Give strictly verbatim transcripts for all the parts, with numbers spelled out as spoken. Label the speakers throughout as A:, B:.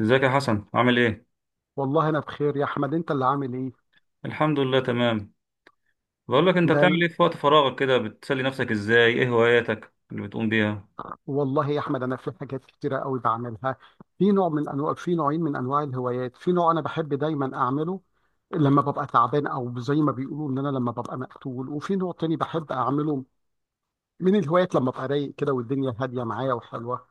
A: ازيك يا حسن، عامل ايه؟
B: والله انا بخير يا احمد، انت اللي عامل ايه؟
A: الحمد لله تمام. بقول لك، انت بتعمل
B: مال.
A: ايه في وقت فراغك كده؟ بتسلي نفسك ازاي؟ ايه هواياتك اللي بتقوم بيها؟
B: والله يا احمد انا في حاجات كتيره قوي بعملها. في نوع من انواع في نوعين من انواع الهوايات. في نوع انا بحب دايما اعمله لما ببقى تعبان، او زي ما بيقولوا ان انا لما ببقى مقتول، وفي نوع تاني بحب اعمله من الهوايات لما ببقى رايق كده والدنيا هاديه معايا وحلوه.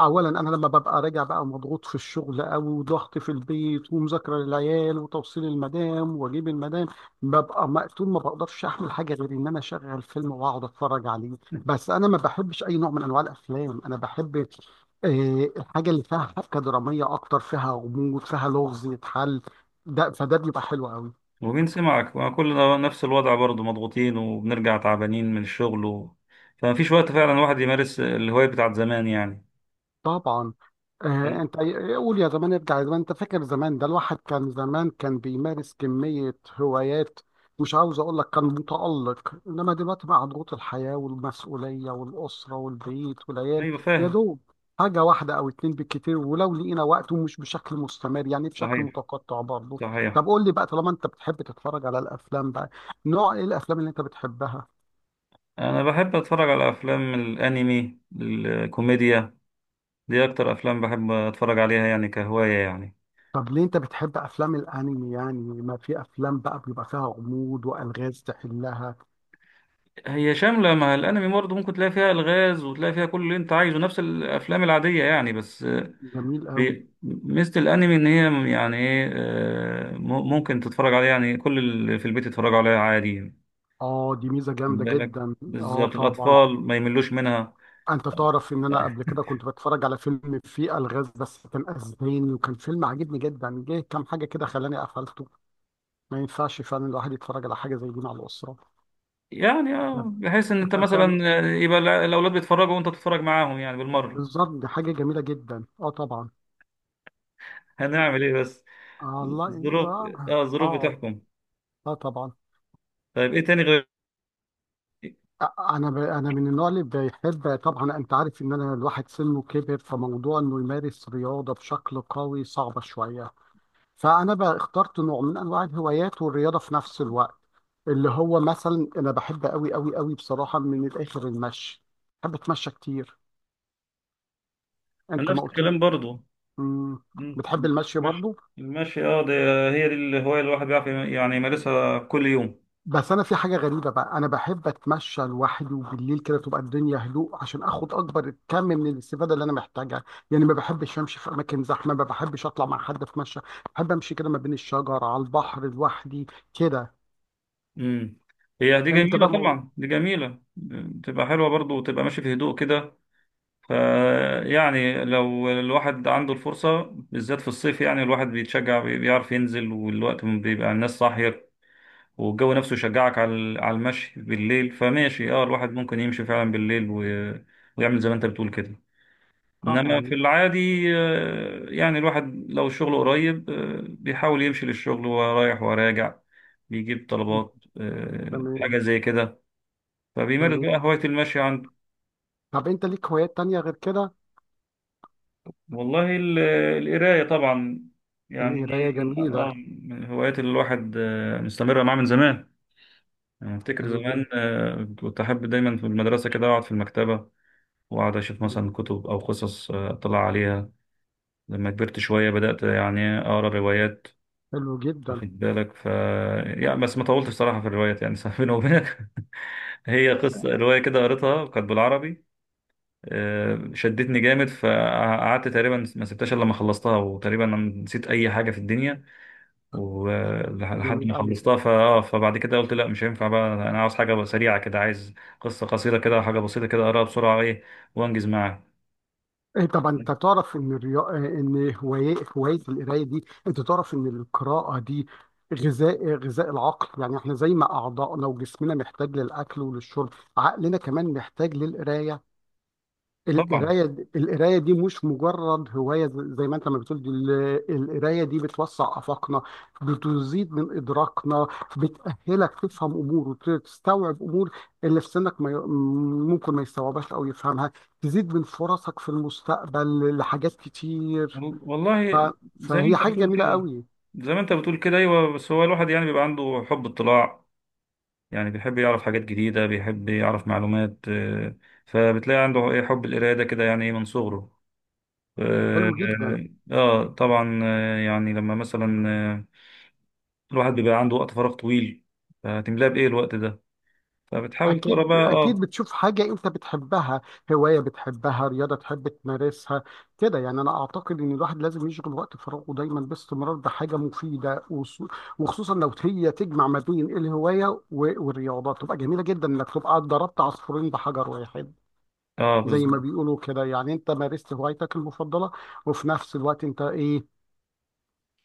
B: اولا، انا لما ببقى راجع بقى مضغوط في الشغل او ضغط في البيت ومذاكره للعيال وتوصيل المدام واجيب المدام، ببقى مقتول، ما بقدرش اعمل حاجه غير ان انا اشغل فيلم واقعد اتفرج عليه. بس انا ما بحبش اي نوع من انواع الافلام، انا بحب آه، الحاجه اللي فيها حبكه دراميه، اكتر فيها غموض، فيها لغز يتحل، ده فده بيبقى حلو قوي.
A: ومين سمعك، ما كلنا نفس الوضع برضه، مضغوطين وبنرجع تعبانين من الشغل و... فمفيش وقت فعلا الواحد يمارس الهواية بتاعت زمان يعني.
B: طبعا. آه
A: أنا-
B: انت، قول يا زمان ارجع يا زمان، انت فاكر زمان ده الواحد كان زمان كان بيمارس كمية هوايات، مش عاوز اقول لك كان متألق، انما دلوقتي مع ضغوط الحياة والمسؤولية والأسرة والبيت والعيال
A: ايوه،
B: يا
A: فاهم.
B: دوب حاجة واحدة او اتنين بالكتير، ولو لقينا وقت ومش بشكل مستمر يعني بشكل
A: صحيح،
B: متقطع برضه. طب
A: صحيح.
B: قول لي بقى، طالما انت بتحب تتفرج على الافلام بقى، نوع ايه الافلام اللي انت بتحبها؟
A: انا بحب اتفرج على افلام الانمي الكوميديا. دي اكتر افلام بحب اتفرج عليها يعني، كهواية يعني.
B: طب ليه انت بتحب افلام الانمي يعني، ما في افلام بقى بيبقى فيها غموض والغاز تحلها؟
A: هي شاملة، مع الأنمي برضه ممكن تلاقي فيها ألغاز وتلاقي فيها كل اللي أنت عايزه، نفس الأفلام العادية يعني بس. آه،
B: جميل قوي.
A: بي- ميزة الأنمي، إن هي يعني إيه، آه، م- ممكن تتفرج عليها يعني، كل اللي في البيت يتفرجوا عليها عادي يعني.
B: اه دي ميزه
A: خد
B: جامده
A: بالك،
B: جدا، اه
A: بالظبط
B: طبعا.
A: الأطفال ما يملوش منها.
B: انت تعرف ان انا قبل كده كنت بتفرج على فيلم فيه الغاز، بس كان اسباني وكان فيلم عاجبني جدا، جه كام حاجه كده خلاني قفلته. ما ينفعش فعلا الواحد يتفرج على حاجه زي دي مع الاسره.
A: يعني اه، بحيث إن أنت
B: ف- فعلا.
A: مثلا، آه، يبقى الع- الأولاد بيتفرجوا وأنت بتتفرج معاهم يعني بالمرة.
B: بالظبط، دي حاجه جميله جدا، اه طبعا.
A: هنعمل إيه بس؟
B: آه الله
A: الظروف.
B: اه.
A: اه، الظروف
B: اه،
A: بتحكم.
B: اه طبعا.
A: طيب، إيه تاني؟
B: انا ب... انا من النوع اللي بيحب. طبعا انت عارف ان انا الواحد سنه كبر، فموضوع انه يمارس رياضه بشكل قوي صعبه شويه، فانا بقى اخترت نوع من انواع الهوايات والرياضه في نفس الوقت، اللي هو مثلا انا بحب قوي قوي قوي بصراحه من الاخر المشي، بحب اتمشى كتير.
A: غير
B: انت
A: نفس
B: ما قلت
A: الكلام
B: لي.
A: برضه.
B: مم.
A: مم.
B: بتحب المشي
A: ماشي.
B: برضو؟
A: المشي، اه، ده. هي دي الهواية اللي الواحد بيعرف يعني يمارسها كل يوم.
B: بس انا في حاجه غريبه بقى، انا بحب اتمشى لوحدي وبالليل كده تبقى الدنيا هدوء عشان اخد اكبر كم من الاستفاده اللي انا محتاجها، يعني ما بحبش امشي في اماكن زحمه، ما بحبش اطلع مع حد اتمشى، بحب امشي كده ما بين الشجر على البحر لوحدي كده.
A: مم. هي دي
B: انت
A: جميلة
B: بقى مو-
A: طبعا، دي جميلة. تبقى حلوة برضو، وتبقى ماشي في هدوء كده. ف، يعني لو الواحد عنده الفرصة، بالذات في الصيف، يعني الواحد بيتشجع، بي- بيعرف ينزل، والوقت بيبقى الناس صاحية، والجو نفسه يشجعك على ال- على المشي بالليل. فماشي، اه، الواحد ممكن يمشي فعلا بالليل و... ويعمل زي ما انت بتقول كده. انما
B: طبعا.
A: في العادي، آه، يعني الواحد لو شغله قريب، آه، بيحاول يمشي للشغل وهو رايح وراجع، بيجيب طلبات، آه،
B: تمام،
A: حاجة زي كده. فبيمارس
B: تمام.
A: بقى هواية المشي عنده.
B: طب انت ليك هوايات تانية غير كده؟
A: والله ال- القراية طبعا، يعني
B: القرايه
A: دي من،
B: جميله.
A: آه، من الهوايات اللي الواحد آه، مستمر معاه من زمان. أنا أفتكر
B: حلو جدا.
A: زمان آه، كنت أحب دايما في المدرسة كده أقعد في المكتبة، وأقعد أشوف مثلا كتب أو قصص، آه، أطلع عليها. لما كبرت شوية بدأت يعني أقرأ روايات،
B: حلو جدا.
A: واخد بالك. ف، يعني بس ما طولتش صراحة في الروايات يعني. صراحة بيني وبينك، هي قصة رواية كده قريتها، كانت بالعربي، آه، شدتني جامد، فقعدت تقريبا ما سبتهاش إلا لما خلصتها، وتقريبا أنا نسيت أي حاجة في الدنيا ولحد
B: جميل
A: ما
B: قوي.
A: خلصتها. فآه فبعد كده قلت لا، مش هينفع، بقى أنا عاوز حاجة سريعة كده، عايز قصة قصيرة كده، حاجة بسيطة كده أقراها بسرعة، إيه، وأنجز معاها.
B: إيه طبعا انت تعرف ان الريا... ان هوايه هوايه القرايه دي، انت تعرف ان القراءه دي غذاء غذاء العقل، يعني احنا زي ما اعضائنا وجسمنا محتاج للاكل وللشرب، عقلنا كمان محتاج للقرايه.
A: طبعا.
B: القراية، القراية دي مش مجرد هواية، ز- زي ما انت ما بتقول، دي ال- القراية دي بتوسع آفاقنا، بتزيد من إدراكنا، بتأهلك تفهم أمور وتستوعب أمور اللي في سنك ما ي- ممكن ما يستوعبهاش أو يفهمها، تزيد من فرصك في المستقبل لحاجات كتير.
A: وال- والله
B: ف...
A: زي ما
B: فهي
A: أنت
B: حاجة
A: بتقول
B: جميلة
A: كده.
B: قوي.
A: زي ما أنت بتقول كده أيوه، بس هو الواحد يعني بيبقى عنده حب اطلاع. يعني بيحب يعرف حاجات جديدة، بيحب يعرف معلومات، آه، فبتلاقي عنده إيه، حب القراية ده كده يعني إيه من صغره. آه.
B: حلو جدا.
A: آه، طبعا، آه، يعني لما مثلا، آه، الواحد بيبقى عنده وقت فراغ طويل، هتملاه بإيه الوقت ده؟ فبتحاول تقرا
B: أكيد
A: بقى
B: أكيد
A: آه
B: بتشوف حاجة أنت بتحبها، هواية بتحبها، رياضة تحب تمارسها كده، يعني أنا أعتقد إن الواحد لازم يشغل وقت فراغه دايما باستمرار بحاجة مفيدة، وص- وخصوصا لو هي تجمع ما بين الهواية و- والرياضة، تبقى جميلة جدا إنك تبقى ضربت عصفورين بحجر واحد،
A: آه،
B: زي ما
A: بالظبط.
B: بيقولوا كده، يعني أنت مارست هوايتك المفضلة، وفي نفس الوقت أنت إيه،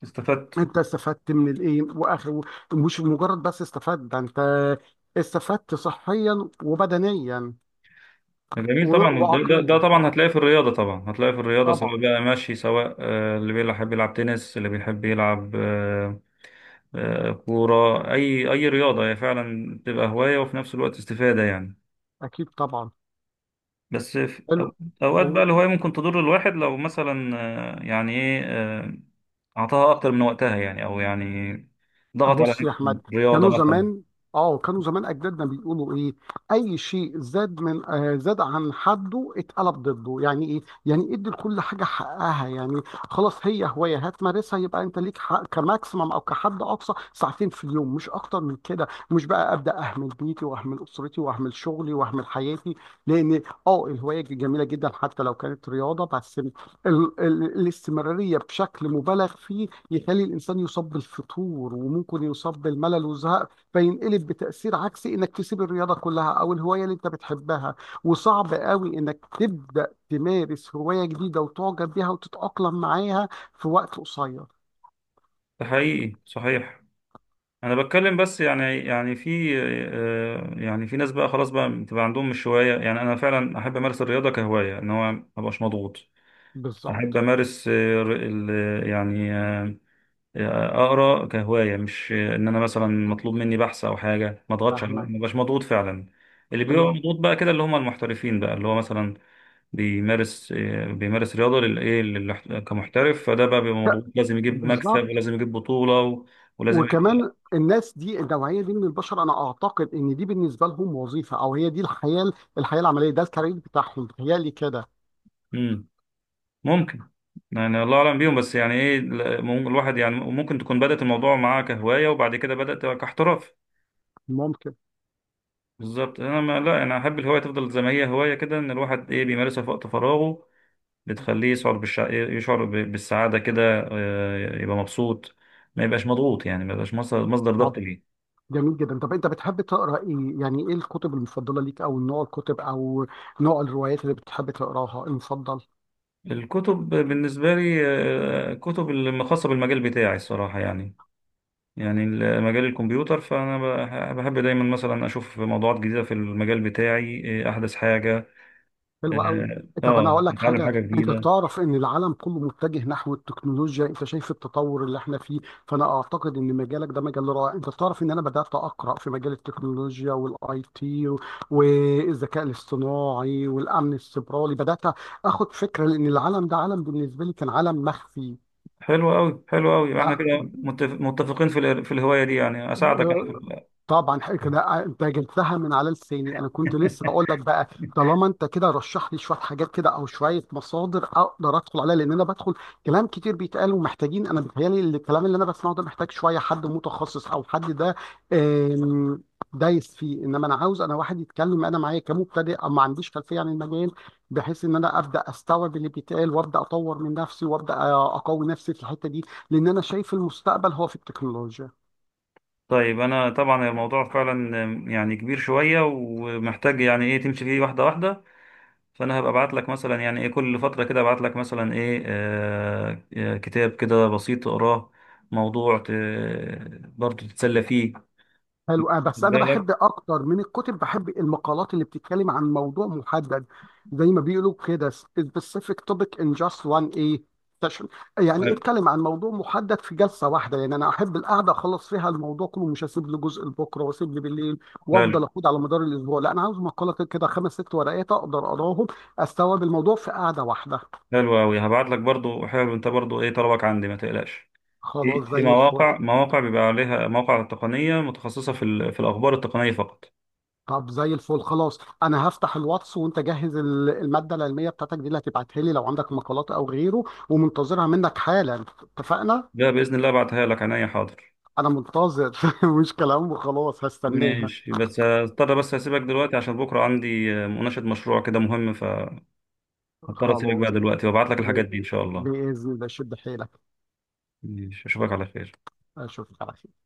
A: استفدت.
B: أنت استفدت من الإيه وآخر، مش مجرد بس استفدت، ده أنت استفدت صحيا وبدنيا
A: جميل
B: و-
A: طبعا، ده, ده, ده
B: وعقليا،
A: طبعا
B: اه
A: هتلاقيه في الرياضة، طبعا هتلاقيه في الرياضة، سواء
B: طبعا.
A: بقى ماشي، سواء آه، اللي بيحب يلعب تنس، اللي بيحب يلعب آه، آه، كورة، أي أي رياضة هي فعلا بتبقى هواية وفي نفس الوقت استفادة يعني.
B: اكيد طبعا.
A: بس في
B: حلو.
A: أو- أوقات بقى الهواية ممكن تضر الواحد، لو مثلا آه، يعني إيه، آه، أعطاها أكتر من وقتها يعني، أو يعني ضغط على
B: بص يا
A: نفسه
B: احمد،
A: رياضة
B: كانوا
A: مثلا.
B: زمان، اه كانوا زمان اجدادنا بيقولوا ايه، اي شيء زاد من آه زاد عن حده اتقلب ضده، يعني ايه، يعني ادي لكل حاجه حقها، يعني خلاص هي هوايه هتمارسها، يبقى انت ليك حق كماكسيمم او كحد اقصى ساعتين في اليوم، مش اكتر من كده، مش بقى ابدا اهمل بيتي واهمل اسرتي واهمل شغلي واهمل حياتي. لان اه الهوايه جميله جدا حتى لو كانت رياضه، بس ال ال الاستمراريه بشكل مبالغ فيه يخلي الانسان يصاب بالفتور وممكن يصاب بالملل والزهق، فينقلب بتاثير عكسي انك تسيب الرياضه كلها او الهوايه اللي انت بتحبها، وصعب قوي انك تبدا تمارس هوايه جديده وتعجب بيها وتتاقلم معاها في وقت قصير.
A: ده حقيقي، صحيح. أنا بتكلم بس يعني يعني في، آه، يعني في ناس بقى خلاص بقى بتبقى عندهم مش هواية. يعني أنا فعلا أحب أمارس الرياضة كهواية، إن هو مبقاش مضغوط. أحب
B: بالظبط.
A: أمارس آه، ال- يعني آه، اقرا كهوايه، مش ان انا مثلا مطلوب مني بحث او حاجه ما اضغطش عليه،
B: فاهمك.
A: ما بقاش مضغوط فعلا. اللي بيبقى
B: حلوة.
A: مضغوط بقى كده اللي هم المحترفين، بقى اللي هو مثلا بيمارس آه، بيمارس رياضه، للايه، للاح- كمحترف. فده بقى بيبقى مضغوط، لازم يجيب مكسب،
B: بالظبط.
A: ولازم يجيب بطوله و... ولازم يبقى.
B: وكمان الناس دي، النوعيه دي من البشر، انا اعتقد ان دي بالنسبه لهم وظيفه، او هي دي الحياه، الحياه العمليه، ده الكارير بتاعهم، بتهيألي كده.
A: مم. ممكن. يعني الله اعلم بيهم، بس يعني ايه ال- مم- الواحد يعني ممكن تكون بدات الموضوع معاه كهوايه، وبعد كده بدات كاحتراف.
B: ممكن.
A: بالظبط. انا ما لا انا احب الهوايه تفضل زي ما هي هوايه كده، ان الواحد ايه بيمارسها في وقت فراغه، بتخليه يشعر بالشع... يشعر ب- بالسعادة كده. آه، يبقى مبسوط، ما يبقاش مضغوط، يعني ما يبقاش مصدر مصدر
B: طب
A: ضغط ليه.
B: جميل جدا، طب انت بتحب تقرا ايه يعني، ايه الكتب المفضله ليك او نوع الكتب او نوع الروايات اللي بتحب تقراها المفضل؟
A: الكتب بالنسبة لي، آه، كتب الم- خاصة بالمجال بتاعي الصراحة يعني، يعني ال- مجال الكمبيوتر. فأنا بح- بحب دايما مثلا أشوف موضوعات جديدة في المجال بتاعي، آه، أحدث حاجة،
B: حلو قوي.
A: آه
B: طب انا
A: آه،
B: هقول لك
A: أتعلم
B: حاجه،
A: حاجة
B: انت
A: جديده.
B: تعرف ان العالم كله متجه نحو التكنولوجيا، انت شايف التطور اللي احنا فيه، فانا اعتقد ان مجالك ده مجال رائع، انت تعرف ان انا بدات اقرا في مجال التكنولوجيا والاي تي والذكاء الاصطناعي والامن السيبراني، بدات اخد فكره لان العالم ده عالم بالنسبه لي كان عالم
A: حلو أوي حلو أوي، إحنا كده
B: مخفي.
A: متف- متفقين في الهر- في الهواية دي. يعني أساعدك
B: آه،
A: أنا في ال-
B: طبعا حاجة كده، آه، انت جبتها من على لساني، انا كنت لسه بقول لك بقى، طالما انت كده رشح لي شويه حاجات كده او شويه مصادر اقدر ادخل عليها، لان انا بدخل كلام كتير بيتقال ومحتاجين، انا بيتهيألي الكلام اللي انا بسمعه ده محتاج شويه حد متخصص او حد ده آم، دايس فيه، انما انا عاوز، انا واحد يتكلم انا معايا كمبتدئ او ما عنديش خلفيه عن المجال، بحيث ان انا ابدا استوعب اللي بيتقال وابدا اطور من نفسي وابدا آه، اقوي نفسي في الحته دي، لان انا شايف المستقبل هو في التكنولوجيا.
A: طيب، انا طبعا الموضوع فعلا يعني كبير شويه، ومحتاج يعني ايه تمشي فيه واحده واحده. فانا هبقى ابعت لك مثلا يعني ايه، كل فتره كده ابعت لك مثلا ايه آه آه، كتاب كده بسيط تقراه، موضوع ت... برضه تتسلى فيه، خد
B: حلو. آه، بس انا
A: بالك.
B: بحب اكتر من الكتب بحب المقالات اللي بتتكلم عن موضوع محدد، زي ما بيقولوا كده specific topic in just one a session، يعني
A: حلو
B: اتكلم عن موضوع محدد في جلسه واحده، يعني انا احب القعده اخلص فيها الموضوع كله، مش هسيب له جزء لبكره واسيب لي بالليل
A: حلو
B: وافضل اخد على مدار الاسبوع، لا انا عاوز مقاله كده خمس ست ورقات اقدر اقراهم استوعب الموضوع في قعده واحده.
A: حلو قوي، هبعت لك برضه. حلو، انت برضه ايه طلبك عندي، ما تقلقش. في
B: خلاص
A: في
B: زي الفل.
A: مواقع مواقع بيبقى عليها، مواقع تقنيه متخصصه في ال... في الاخبار التقنيه فقط.
B: طب زي الفل خلاص، انا هفتح الواتس وانت جهز ال- الماده العلميه بتاعتك دي اللي هتبعتها لي لو عندك مقالات او غيره، ومنتظرها منك حالا، اتفقنا.
A: ده باذن الله ابعتها لك عينيا، حاضر.
B: انا منتظر مش كلام وخلاص، هستناها.
A: ماشي، بس هضطر، بس اسيبك دلوقتي عشان بكره عندي آه، مناقشة مشروع كده مهم، فهضطر اسيبك
B: خلاص.
A: بقى دلوقتي وابعت لك
B: ب-
A: الحاجات دي ان شاء الله.
B: باذن الله شد حيلك.
A: ماشي، اشوفك على خير.
B: اشوفك على خير.